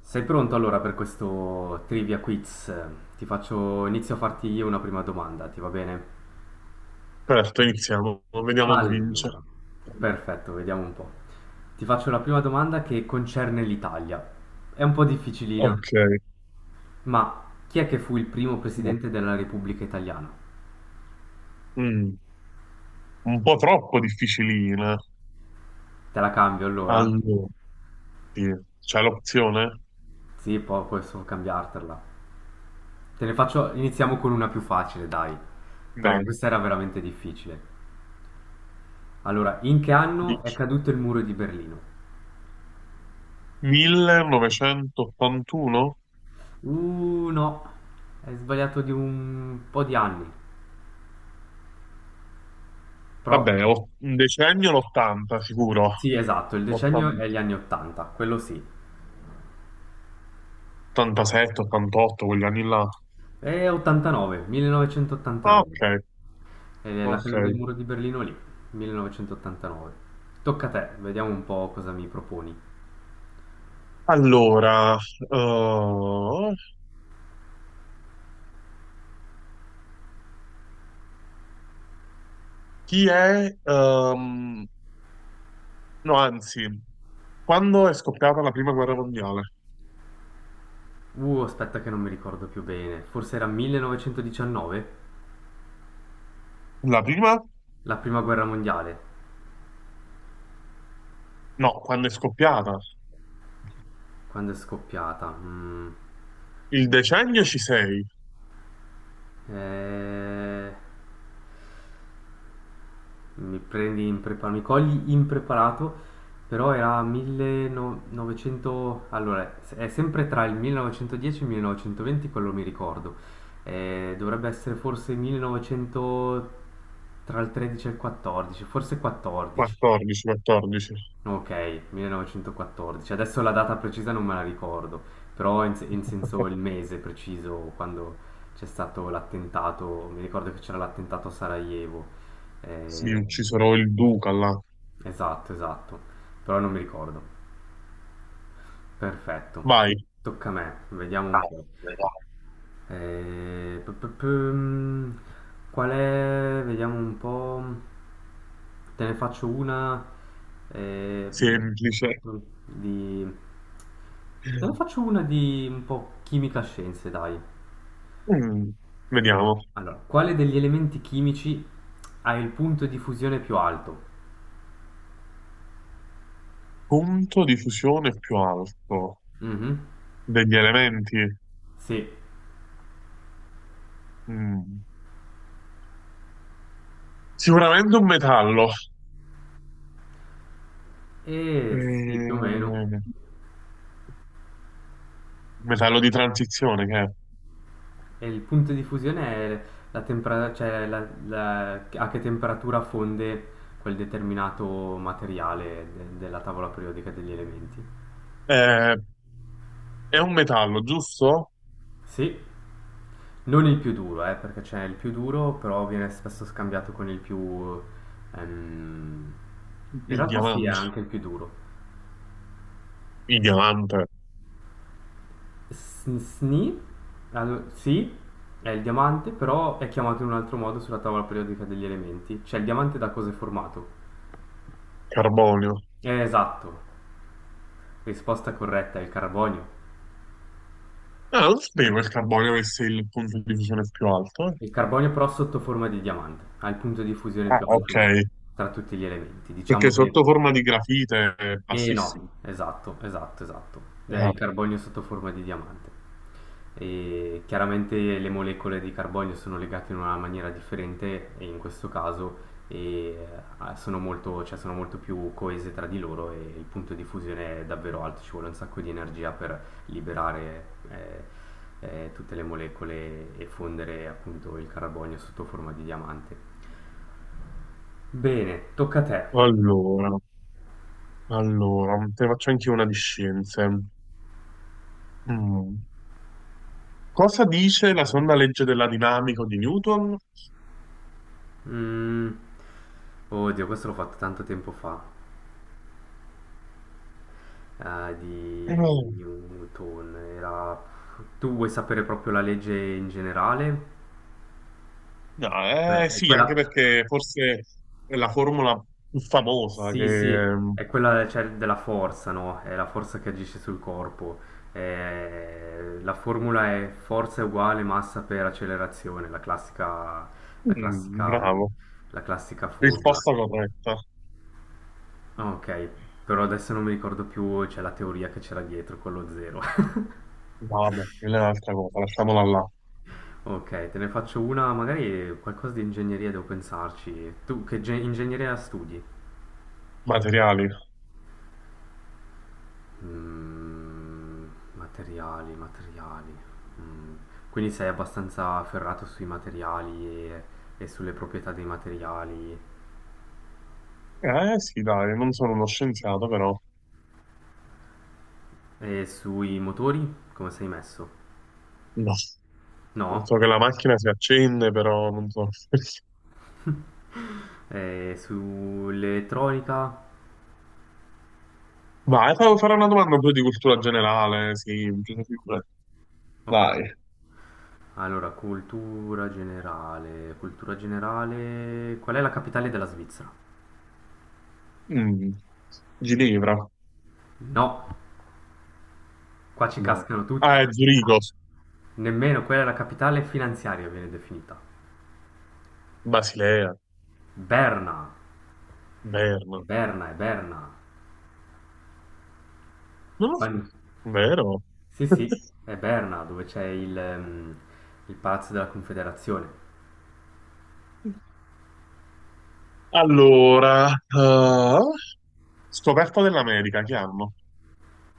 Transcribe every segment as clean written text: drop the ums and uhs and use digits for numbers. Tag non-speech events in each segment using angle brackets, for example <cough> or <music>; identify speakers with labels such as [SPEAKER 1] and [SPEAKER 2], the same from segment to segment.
[SPEAKER 1] Sei pronto allora per questo trivia quiz? Ti faccio, inizio a farti io una prima domanda, ti va bene?
[SPEAKER 2] Certo, iniziamo, vediamo chi vince.
[SPEAKER 1] Allora, perfetto, vediamo un po'. Ti faccio la prima domanda che concerne l'Italia. È un po' difficilina,
[SPEAKER 2] Ok,
[SPEAKER 1] ma chi è che fu il primo
[SPEAKER 2] no.
[SPEAKER 1] presidente della Repubblica Italiana?
[SPEAKER 2] Mm, un po' troppo difficilina.
[SPEAKER 1] Te la cambio allora?
[SPEAKER 2] Allora, sì. C'è l'opzione?
[SPEAKER 1] Sì, poi posso cambiartela. Te ne faccio, iniziamo con una più facile, dai, perché
[SPEAKER 2] Dai,
[SPEAKER 1] questa era veramente difficile. Allora, in che anno è
[SPEAKER 2] dici.
[SPEAKER 1] caduto il muro di Berlino?
[SPEAKER 2] 1981?
[SPEAKER 1] No, è sbagliato di un po' di anni. Però,
[SPEAKER 2] Vabbè, un decennio l'80 sicuro.
[SPEAKER 1] sì, esatto, il decennio è gli anni 80, quello sì.
[SPEAKER 2] 87, 88, quegli anni là.
[SPEAKER 1] È 89,
[SPEAKER 2] Ah, Ok,
[SPEAKER 1] 1989. È la
[SPEAKER 2] ok.
[SPEAKER 1] caduta del muro di Berlino lì, 1989. Tocca a te, vediamo un po' cosa mi proponi.
[SPEAKER 2] Allora, chi è... ehm, no, anzi, quando è scoppiata la prima guerra mondiale?
[SPEAKER 1] Aspetta che non mi ricordo più bene. Forse era 1919,
[SPEAKER 2] La prima?
[SPEAKER 1] la prima guerra mondiale,
[SPEAKER 2] No, quando è scoppiata.
[SPEAKER 1] quando è scoppiata. Mm.
[SPEAKER 2] Il decennio ci sei.
[SPEAKER 1] Eh... Mi prendi impreparato, mi cogli impreparato, però era 1900, allora è sempre tra il 1910 e il 1920, quello mi ricordo. Dovrebbe essere forse 1900 tra il 13 e il 14, forse 14.
[SPEAKER 2] 14, 14.
[SPEAKER 1] Ok, 1914. Adesso la data precisa non me la ricordo, però in, in senso il mese preciso quando c'è stato l'attentato, mi ricordo che c'era l'attentato a Sarajevo.
[SPEAKER 2] Sì,
[SPEAKER 1] Eh,
[SPEAKER 2] uccisero il duca là.
[SPEAKER 1] Esatto, esatto, però non mi ricordo. Perfetto.
[SPEAKER 2] Vai.
[SPEAKER 1] Tocca a me, vediamo un po'.
[SPEAKER 2] Caspita.
[SPEAKER 1] Eh, pu- pu- pu- Qual è? Vediamo un po'. Te ne faccio una eh, pu-
[SPEAKER 2] Semplice.
[SPEAKER 1] pu- pu- di... Te ne faccio una di un po' chimica scienze, dai.
[SPEAKER 2] Mm, vediamo.
[SPEAKER 1] Allora, quale degli elementi chimici ha il punto di fusione più alto?
[SPEAKER 2] Punto di fusione più alto
[SPEAKER 1] Mhm.
[SPEAKER 2] degli elementi.
[SPEAKER 1] Sì.
[SPEAKER 2] Mm, Sicuramente un metallo.
[SPEAKER 1] Eh sì, più o meno.
[SPEAKER 2] Eh, metallo di transizione che
[SPEAKER 1] E il punto di fusione è la temperatura, cioè a che temperatura fonde quel determinato materiale della tavola periodica degli elementi.
[SPEAKER 2] è. È un metallo, giusto?
[SPEAKER 1] Sì, non il più duro, perché c'è il più duro, però viene spesso scambiato con il ehm, in
[SPEAKER 2] Il
[SPEAKER 1] realtà sì, è
[SPEAKER 2] diamante.
[SPEAKER 1] anche il più duro.
[SPEAKER 2] Il diamante,
[SPEAKER 1] Sni, sì, è il diamante, però è chiamato in un altro modo sulla tavola periodica degli elementi. Cioè il diamante da cosa è formato?
[SPEAKER 2] carbonio.
[SPEAKER 1] Esatto, risposta corretta è il carbonio.
[SPEAKER 2] Ah, non sapevo che il carbonio avesse il punto di fusione più alto.
[SPEAKER 1] Il carbonio però sotto forma di diamante, ha il punto di fusione
[SPEAKER 2] Ah,
[SPEAKER 1] più
[SPEAKER 2] ok,
[SPEAKER 1] alto tra tutti gli elementi.
[SPEAKER 2] perché
[SPEAKER 1] Diciamo che
[SPEAKER 2] sotto forma di grafite è
[SPEAKER 1] e no,
[SPEAKER 2] bassissimo.
[SPEAKER 1] esatto, esatto, esatto. È
[SPEAKER 2] Ah,
[SPEAKER 1] il carbonio sotto forma di diamante. E chiaramente le molecole di carbonio sono legate in una maniera differente e in questo caso sono molto, cioè, sono molto più coese tra di loro e il punto di fusione è davvero alto, ci vuole un sacco di energia per liberare eh, tutte le molecole e fondere appunto il carbonio sotto forma di diamante. Bene, tocca a te.
[SPEAKER 2] allora, allora, te ne faccio anche una di scienze. Mm. Cosa dice la seconda legge della dinamica di Newton?
[SPEAKER 1] Mm, oddio, questo l'ho fatto tanto tempo fa, di
[SPEAKER 2] No,
[SPEAKER 1] Newton. Era... Tu vuoi sapere proprio la legge in generale?
[SPEAKER 2] no,
[SPEAKER 1] Beh, è
[SPEAKER 2] sì, anche
[SPEAKER 1] quella...
[SPEAKER 2] perché forse è la formula più famosa
[SPEAKER 1] Sì, sì,
[SPEAKER 2] che...
[SPEAKER 1] è quella, cioè, della forza, no? È la forza che agisce sul corpo. La formula è forza è uguale massa per accelerazione, la classica, la classica,
[SPEAKER 2] Bravo,
[SPEAKER 1] la classica formula.
[SPEAKER 2] risposta corretta.
[SPEAKER 1] Ah, ok, però adesso non mi ricordo più, c'è la teoria che c'era dietro con lo zero. <laughs>
[SPEAKER 2] Vabbè, quella è un'altra cosa, lasciamola là.
[SPEAKER 1] Ok, te ne faccio una, magari qualcosa di ingegneria devo pensarci. Tu che ingegneria studi?
[SPEAKER 2] Materiali.
[SPEAKER 1] Mm, materiali, Mm, quindi sei abbastanza afferrato sui materiali e sulle proprietà dei materiali
[SPEAKER 2] Eh sì, dai, non sono uno scienziato, però
[SPEAKER 1] e sui motori? Come sei messo?
[SPEAKER 2] no.
[SPEAKER 1] No?
[SPEAKER 2] So che la macchina si accende, però non so.
[SPEAKER 1] <laughs> E sull'elettronica?
[SPEAKER 2] Vai, farò una domanda un po' di cultura generale, sì, figurati.
[SPEAKER 1] Ok.
[SPEAKER 2] Dai.
[SPEAKER 1] Allora, cultura generale. Cultura generale. Qual è la capitale della Svizzera?
[SPEAKER 2] Mm, Ginevra?
[SPEAKER 1] No. Qua ci
[SPEAKER 2] No.
[SPEAKER 1] cascano tutti.
[SPEAKER 2] Ah, è Zurigo,
[SPEAKER 1] Nemmeno quella è la capitale finanziaria viene definita.
[SPEAKER 2] Basilea,
[SPEAKER 1] Berna. È
[SPEAKER 2] Berna.
[SPEAKER 1] Berna, è Berna.
[SPEAKER 2] Non lo so.
[SPEAKER 1] Quan-
[SPEAKER 2] Vero?
[SPEAKER 1] sì, sì, è Berna, dove c'è il Palazzo della Confederazione.
[SPEAKER 2] Allora, eh, scoperta dell'America, che hanno?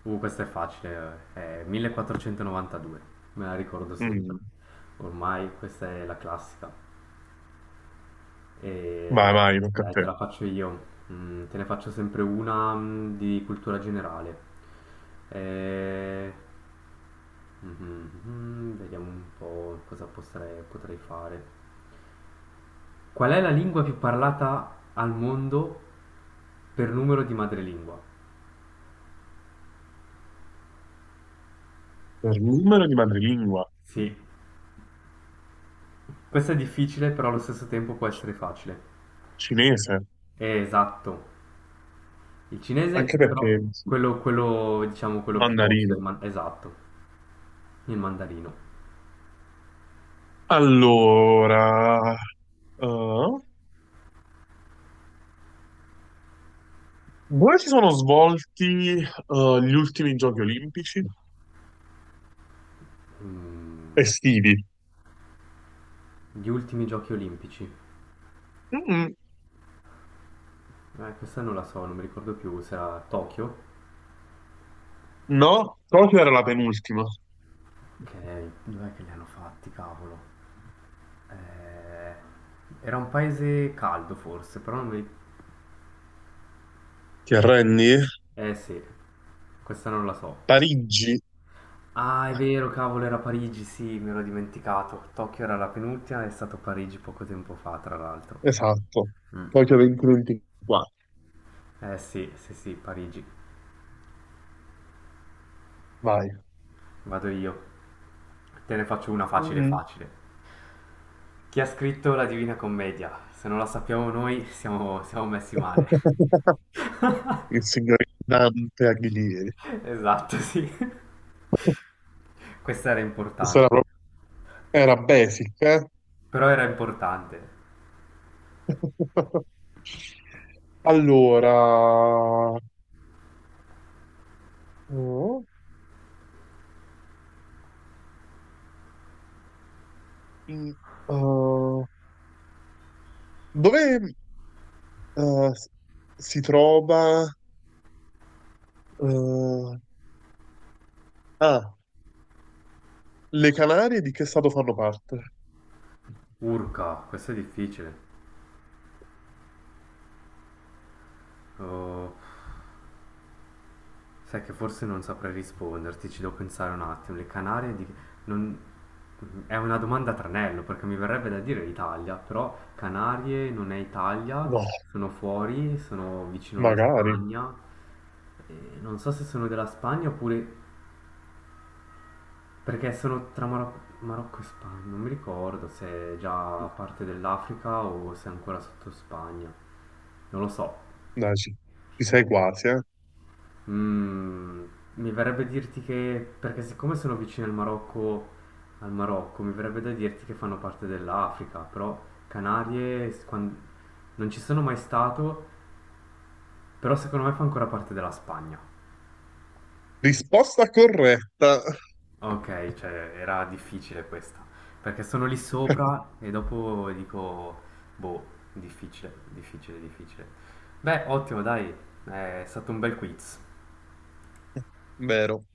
[SPEAKER 1] Questo è facile, eh. È 1492, me la ricordo sempre.
[SPEAKER 2] Mm,
[SPEAKER 1] Ormai questa è la classica. E
[SPEAKER 2] vai, vai, tocca a
[SPEAKER 1] dai,
[SPEAKER 2] te.
[SPEAKER 1] te la faccio io. Mm, te ne faccio sempre una, mm, di cultura generale. Eh, mhm, Vediamo un po' cosa potrei fare. Qual è la lingua più parlata al mondo per numero di madrelingua?
[SPEAKER 2] Per numero di madrelingua,
[SPEAKER 1] Sì, questo è difficile, però allo stesso tempo può essere facile.
[SPEAKER 2] cinese,
[SPEAKER 1] Esatto. Il
[SPEAKER 2] anche
[SPEAKER 1] cinese, però,
[SPEAKER 2] perché sì,
[SPEAKER 1] quello, diciamo, quello più tosto,
[SPEAKER 2] mandarino.
[SPEAKER 1] esatto, il mandarino.
[SPEAKER 2] Allora, eh, dove si sono svolti gli ultimi giochi olimpici
[SPEAKER 1] Mm,
[SPEAKER 2] estivi?
[SPEAKER 1] gli ultimi giochi olimpici.
[SPEAKER 2] Mm,
[SPEAKER 1] Questa non la so, non mi ricordo più, se era a Tokyo.
[SPEAKER 2] no, Tokyo era la penultima.
[SPEAKER 1] Ok, dov'è che li hanno fatti, cavolo? Eh, era un paese caldo forse, però non mi...
[SPEAKER 2] Ti arrendi?
[SPEAKER 1] Eh sì, questa non la so.
[SPEAKER 2] Parigi,
[SPEAKER 1] Ah, è vero, cavolo, era Parigi, sì, me l'ho dimenticato. Tokyo era la penultima, è stato Parigi poco tempo fa, tra l'altro.
[SPEAKER 2] esatto.
[SPEAKER 1] Mm.
[SPEAKER 2] Tokyo 2024.
[SPEAKER 1] Eh sì, sì, sì, Parigi.
[SPEAKER 2] Vai.
[SPEAKER 1] Vado io. Te ne faccio una facile,
[SPEAKER 2] Mm.
[SPEAKER 1] facile. Chi ha scritto la Divina Commedia? Se non la sappiamo noi, siamo, siamo messi male.
[SPEAKER 2] <laughs> Il signor Dante Alighieri.
[SPEAKER 1] <laughs> Esatto, sì. <laughs> Questa era
[SPEAKER 2] Questa era,
[SPEAKER 1] importante.
[SPEAKER 2] era basic, eh?
[SPEAKER 1] Però era importante.
[SPEAKER 2] <laughs> Allora, oh, in- eh, dove, Eh, si trova... eh, ah, le Canarie di che stato fanno parte?
[SPEAKER 1] Urca, questo è difficile. Oh, sai che forse non saprei risponderti, ci devo pensare un attimo. Le Canarie di... non... È una domanda a tranello, perché mi verrebbe da dire l'Italia, però Canarie non è Italia,
[SPEAKER 2] No,
[SPEAKER 1] sono fuori, sono vicino alla
[SPEAKER 2] magari.
[SPEAKER 1] Spagna. E non so se sono della Spagna oppure perché sono tra Marocco e Spagna, non mi ricordo se è già parte dell'Africa o se è ancora sotto Spagna. Non lo so.
[SPEAKER 2] Dai, ci sei quasi, eh.
[SPEAKER 1] Mm, mi verrebbe dirti che, perché siccome sono vicino al Marocco, mi verrebbe da dirti che fanno parte dell'Africa, però Canarie, s- quan- non ci sono mai stato, però secondo me fa ancora parte della Spagna.
[SPEAKER 2] Risposta corretta.
[SPEAKER 1] Ok, cioè era difficile questa, perché sono lì sopra e dopo dico, boh, difficile. Beh, ottimo, dai, è stato un bel quiz.
[SPEAKER 2] Vero.